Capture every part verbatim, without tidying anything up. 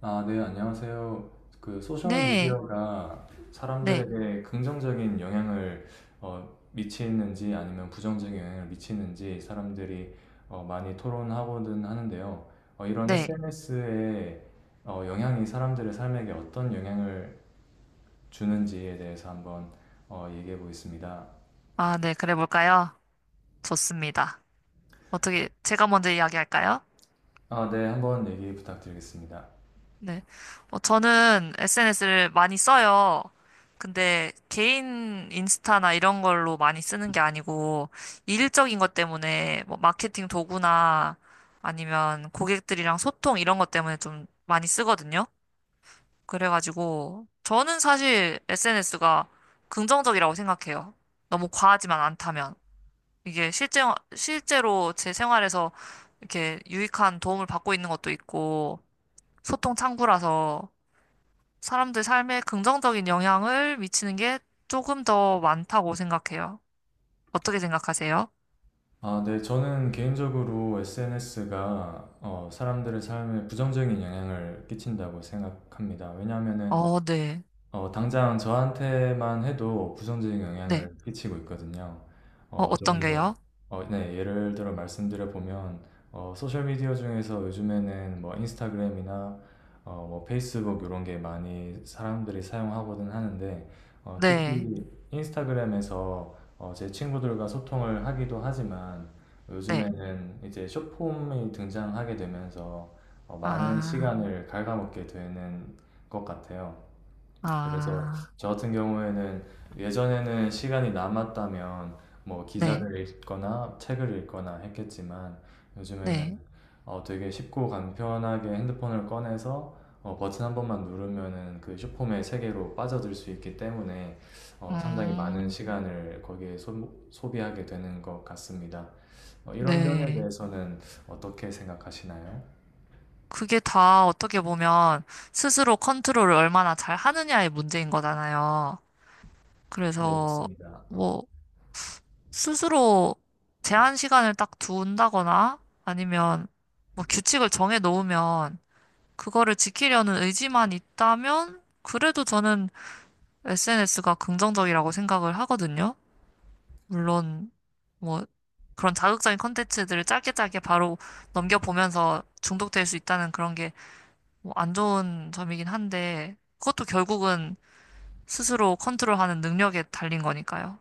아, 네, 안녕하세요. 그 소셜 네, 미디어가 네, 사람들에게 긍정적인 영향을 어, 미치는지 아니면 부정적인 영향을 미치는지 사람들이 어, 많이 토론하고는 하는데요. 어, 이런 네. 에스엔에스의 영향이 사람들의 삶에게 어떤 영향을 주는지에 대해서 한번 어, 얘기해 보겠습니다. 아, 네, 그래 볼까요? 좋습니다. 어떻게, 제가 먼저 이야기할까요? 아, 네, 한번 얘기 부탁드리겠습니다. 네. 어, 저는 에스엔에스를 많이 써요. 근데 개인 인스타나 이런 걸로 많이 쓰는 게 아니고, 일적인 것 때문에 뭐 마케팅 도구나 아니면 고객들이랑 소통 이런 것 때문에 좀 많이 쓰거든요. 그래가지고, 저는 사실 에스엔에스가 긍정적이라고 생각해요. 너무 과하지만 않다면. 이게 실제, 실제로 제 생활에서 이렇게 유익한 도움을 받고 있는 것도 있고, 소통 창구라서 사람들 삶에 긍정적인 영향을 미치는 게 조금 더 많다고 생각해요. 어떻게 생각하세요? 아, 네. 저는 개인적으로 에스엔에스가 사람들의 삶에 부정적인 영향을 끼친다고 생각합니다. 왜냐하면은 어, 네. 어, 당장 저한테만 해도 부정적인 네. 영향을 끼치고 있거든요. 어, 어, 어떤 조금 더, 게요? 어, 네, 예를 들어 말씀드려보면, 어, 소셜미디어 중에서 요즘에는 뭐 인스타그램이나 어, 뭐 페이스북 이런 게 많이 사람들이 사용하거든 하는데, 어, 네. 특히 인스타그램에서 어, 제 친구들과 소통을 하기도 하지만, 네. 요즘에는 이제 숏폼이 등장하게 되면서 어, 많은 아, 시간을 갉아먹게 되는 것 같아요. 그래서 아, 저 같은 경우에는 예전에는 시간이 남았다면 뭐 네. 기사를 읽거나 책을 읽거나 했겠지만 요즘에는 네. 어, 되게 쉽고 간편하게 핸드폰을 꺼내서 어, 버튼 한 번만 누르면은 그 슈퍼맨 세계로 빠져들 수 있기 때문에 어, 상당히 많은 음, 시간을 거기에 소, 소비하게 되는 것 같습니다. 어, 이런 면에 네. 대해서는 어떻게 생각하시나요? 그게 다 어떻게 보면 스스로 컨트롤을 얼마나 잘 하느냐의 문제인 거잖아요. 네, 그래서 맞습니다. 뭐 스스로 제한 시간을 딱 두는다거나 아니면 뭐 규칙을 정해 놓으면 그거를 지키려는 의지만 있다면 그래도 저는 에스엔에스가 긍정적이라고 생각을 하거든요. 물론 뭐 그런 자극적인 콘텐츠들을 짧게 짧게 바로 넘겨보면서 중독될 수 있다는 그런 게 뭐 안 좋은 점이긴 한데 그것도 결국은 스스로 컨트롤하는 능력에 달린 거니까요.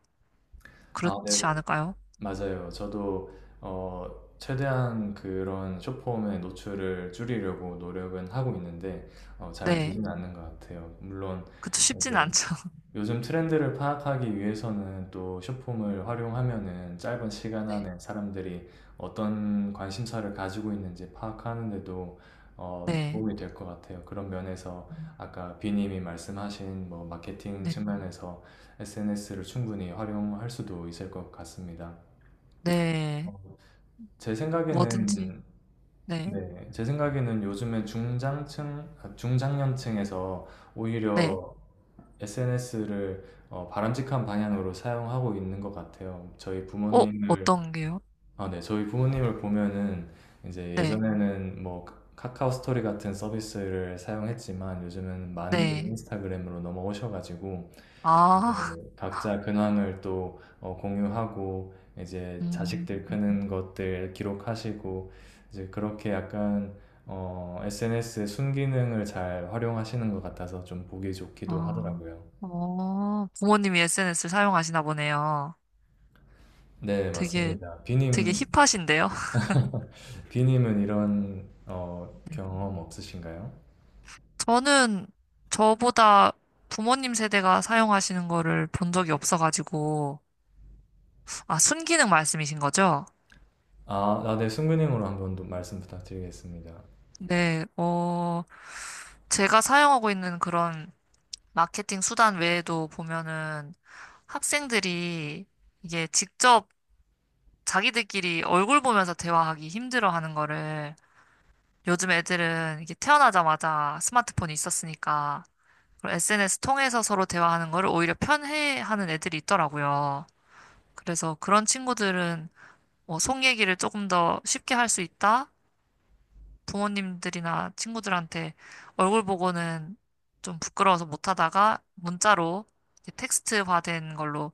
아, 네. 그렇지 않을까요? 맞아요. 저도 어, 최대한 그런 숏폼의 노출을 줄이려고 노력은 하고 있는데 어, 네. 잘 네. 되지는 않는 것 같아요. 물론 그쵸, 쉽진 이제 않죠. 요즘 트렌드를 파악하기 위해서는 또 숏폼을 활용하면은 짧은 시간 네. 안에 사람들이 어떤 관심사를 가지고 있는지 파악하는데도 어, 네. 도움이 될 것 같아요. 그런 면에서 아까 비님이 말씀하신 뭐 마케팅 네. 측면에서 에스엔에스를 충분히 활용할 수도 있을 것 같습니다. 네. 제 뭐든지. 생각에는 네. 네, 제 생각에는 요즘에 중장층, 아, 중장년층에서 네. 오히려 에스엔에스를 바람직한 방향으로 사용하고 있는 것 같아요. 저희 어, 부모님을 어떤 게요? 아, 네, 저희 부모님을 보면은 이제 네. 예전에는 뭐 카- 카카오 스토리 같은 서비스를 사용했지만 요즘은 많이들 네. 인스타그램으로 넘어오셔가지고 아, 이제 각자 근황을 또 어, 공유하고 이제 음, 자식들 크는 것들 기록하시고 이제 그렇게 약간 에스엔에스의 순기능을 잘 활용하시는 것 같아서 좀 보기 좋기도 아, 하더라고요. 어, 부모님이 에스엔에스를 사용하시나 보네요. 네, 되게, 맞습니다. 되게 비님, 힙하신데요? 비님은 이런 어, 경험 없으신가요? 저는 저보다 부모님 세대가 사용하시는 거를 본 적이 없어가지고, 아, 순기능 말씀이신 거죠? 아, 아, 네, 순기능으로 한번 더 말씀 부탁드리겠습니다. 네, 어, 제가 사용하고 있는 그런 마케팅 수단 외에도 보면은 학생들이 이게 직접 자기들끼리 얼굴 보면서 대화하기 힘들어 하는 거를 요즘 애들은 이게 태어나자마자 스마트폰이 있었으니까 그런 에스엔에스 통해서 서로 대화하는 거를 오히려 편해하는 애들이 있더라고요. 그래서 그런 친구들은 뭐 속 얘기를 조금 더 쉽게 할 수 있다? 부모님들이나 친구들한테 얼굴 보고는 좀 부끄러워서 못 하다가 문자로 텍스트화된 걸로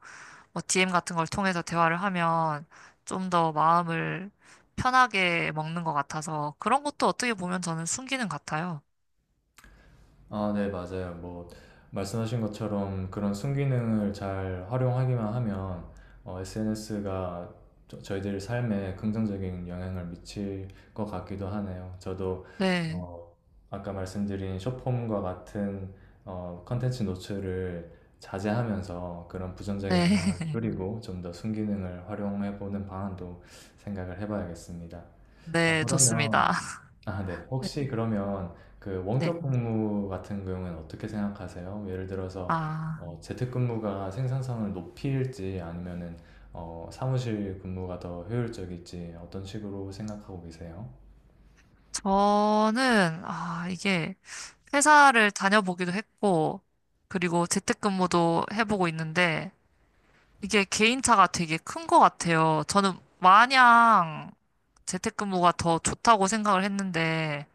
뭐 디엠 같은 걸 통해서 대화를 하면 좀 더 마음을 편하게 먹는 것 같아서 그런 것도 어떻게 보면 저는 순기능 같아요. 아, 네, 맞아요. 뭐, 말씀하신 것처럼 그런 순기능을 잘 활용하기만 하면 에스엔에스가 저희들 삶에 긍정적인 영향을 미칠 것 같기도 하네요. 저도 네, 어, 아까 말씀드린 숏폼과 같은 어, 컨텐츠 노출을 자제하면서 그런 부정적인 네, 영향을 줄이고 좀 더 순기능을 활용해 보는 방안도 생각을 해봐야겠습니다. 아, 네, 좋습니다. 그러면 아, 네. 네, 혹시 그러면 그 네. 원격 근무 같은 경우에는 어떻게 생각하세요? 예를 들어서 아, 어, 재택근무가 생산성을 높일지 아니면은 어, 사무실 근무가 더 효율적일지 어떤 식으로 생각하고 계세요? 저는, 아, 이게 회사를 다녀보기도 했고, 그리고 재택근무도 해보고 있는데, 이게 개인차가 되게 큰 것 같아요. 저는 마냥 재택근무가 더 좋다고 생각을 했는데,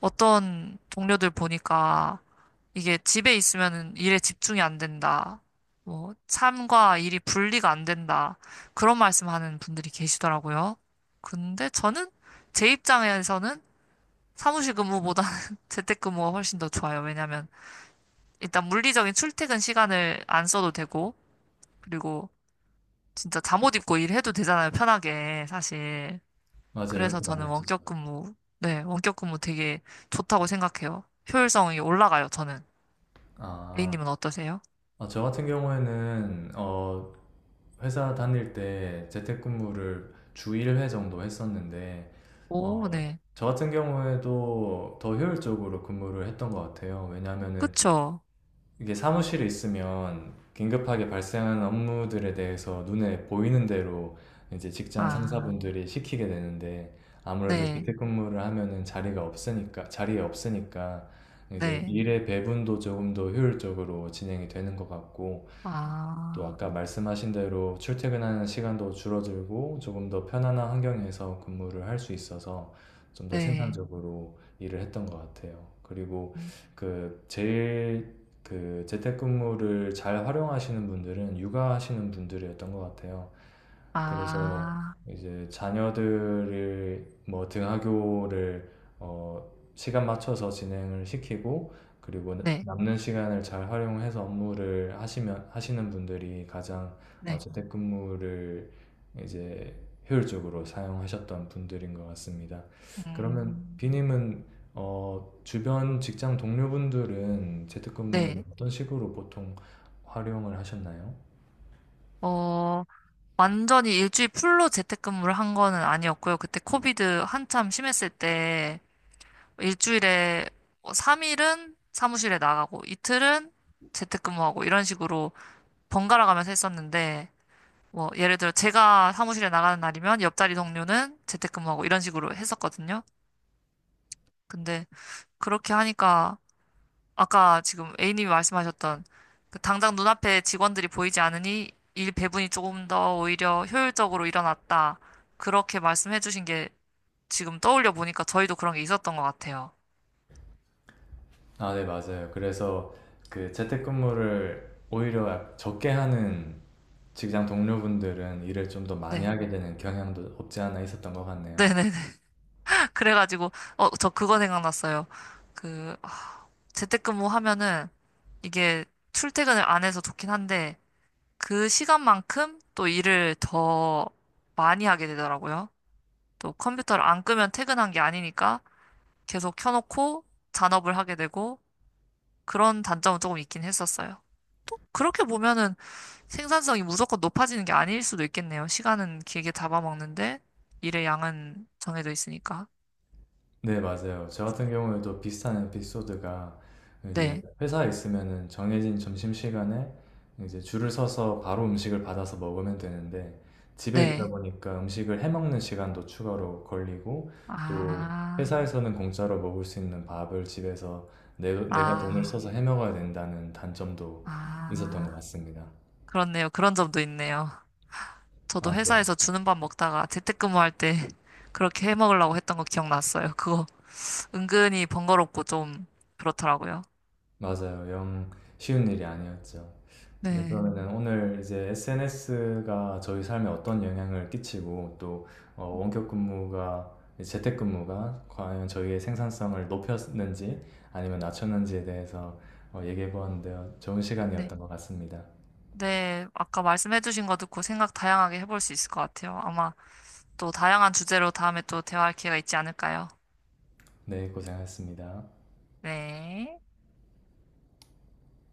어떤 동료들 보니까 이게 집에 있으면 일에 집중이 안 된다. 뭐, 삶과 일이 분리가 안 된다. 그런 말씀하는 분들이 계시더라고요. 근데 저는 제 입장에서는 사무실 근무보다는 재택근무가 훨씬 더 좋아요. 왜냐면 일단 물리적인 출퇴근 시간을 안 써도 되고, 그리고 진짜 잠옷 입고 일해도 되잖아요. 편하게, 사실. 맞아요. 그래서 그렇게 많이 저는 하시죠. 원격 근무, 네, 원격 근무 되게 좋다고 생각해요. 효율성이 올라가요, 저는. 아, A님은 어떠세요? 아, 저 같은 경우에는 어, 회사 다닐 때 재택근무를 주 일 회 정도 했었는데 오, 어, 네. 저 같은 경우에도 더 효율적으로 근무를 했던 것 같아요. 왜냐하면은 그쵸. 이게 사무실에 있으면 긴급하게 발생하는 업무들에 대해서 눈에 보이는 대로 이제 직장 아, 상사분들이 시키게 되는데 아무래도 네, 재택근무를 하면은 자리가 없으니까 자리에 없으니까 이제 네. 일의 배분도 조금 더 효율적으로 진행이 되는 것 같고 또 아, 아까 말씀하신 대로 출퇴근하는 시간도 줄어들고 조금 더 편안한 환경에서 근무를 할 수 있어서 좀 더 네. 생산적으로 일을 했던 것 같아요. 그리고 음, 그 제일 그 재택근무를 잘 활용하시는 분들은 육아하시는 분들이었던 것 같아요. 그래서 아, 이제 자녀들을 뭐 등하교를 어, 시간 맞춰서 진행을 시키고 그리고 네, 남는 시간을 잘 활용해서 업무를 하시면 하시는 분들이 가장 어, 네. 재택근무를 이제 효율적으로 사용하셨던 분들인 것 같습니다. 그러면 음, 비님은 어, 주변 직장 동료분들은 재택근무를 네. 어떤 식으로 보통 활용을 하셨나요? 어, 완전히 일주일 풀로 재택근무를 한 거는 아니었고요. 그때 코비드 한참 심했을 때 일주일에 삼 일은 사무실에 나가고 이틀은 재택근무하고 이런 식으로 번갈아 가면서 했었는데 뭐, 예를 들어 제가 사무실에 나가는 날이면 옆자리 동료는 재택근무하고 이런 식으로 했었거든요. 근데 그렇게 하니까 아까 지금 A님이 말씀하셨던 그 당장 눈앞에 직원들이 보이지 않으니 일 배분이 조금 더 오히려 효율적으로 일어났다. 그렇게 말씀해 주신 게 지금 떠올려 보니까 저희도 그런 게 있었던 것 같아요. 아, 네, 맞아요. 그래서 그 재택근무를 오히려 적게 하는 직장 동료분들은 일을 좀 더 많이 네. 하게 되는 경향도 없지 않아 있었던 것 같네요. 네네네. 그래가지고, 어, 저 그거 생각났어요. 그, 아, 재택근무 하면은 이게 출퇴근을 안 해서 좋긴 한데, 그 시간만큼 또 일을 더 많이 하게 되더라고요. 또 컴퓨터를 안 끄면 퇴근한 게 아니니까 계속 켜놓고 잔업을 하게 되고 그런 단점은 조금 있긴 했었어요. 그렇게 보면은 생산성이 무조건 높아지는 게 아닐 수도 있겠네요. 시간은 길게 잡아먹는데 일의 양은 정해져 있으니까. 네, 맞아요. 저 같은 경우에도 비슷한 에피소드가 이제 네, 회사에 있으면은 정해진 점심시간에 이제 줄을 서서 바로 음식을 받아서 먹으면 되는데 집에 있다 네. 보니까 음식을 해먹는 시간도 추가로 걸리고 또 아, 회사에서는 공짜로 먹을 수 있는 밥을 집에서 내, 내가 돈을 아, 써서 해먹어야 된다는 단점도 있었던 것 아. 같습니다. 그렇네요. 그런 점도 있네요. 저도 아, 네. 회사에서 주는 밥 먹다가 재택근무할 때 그렇게 해 먹으려고 했던 거 기억났어요. 그거 은근히 번거롭고 좀 그렇더라고요. 맞아요. 영 쉬운 일이 아니었죠. 네, 네. 그러면은 오늘 이제 에스엔에스가 저희 삶에 어떤 영향을 끼치고 또 어, 원격 근무가 재택 근무가 과연 저희의 생산성을 높였는지 아니면 낮췄는지에 대해서 어, 얘기해 보았는데요. 좋은 네. 시간이었던 것 같습니다. 네. 아까 말씀해주신 거 듣고 생각 다양하게 해볼 수 있을 것 같아요. 아마 또 다양한 주제로 다음에 또 대화할 기회가 있지 않을까요? 네, 고생하셨습니다. 네.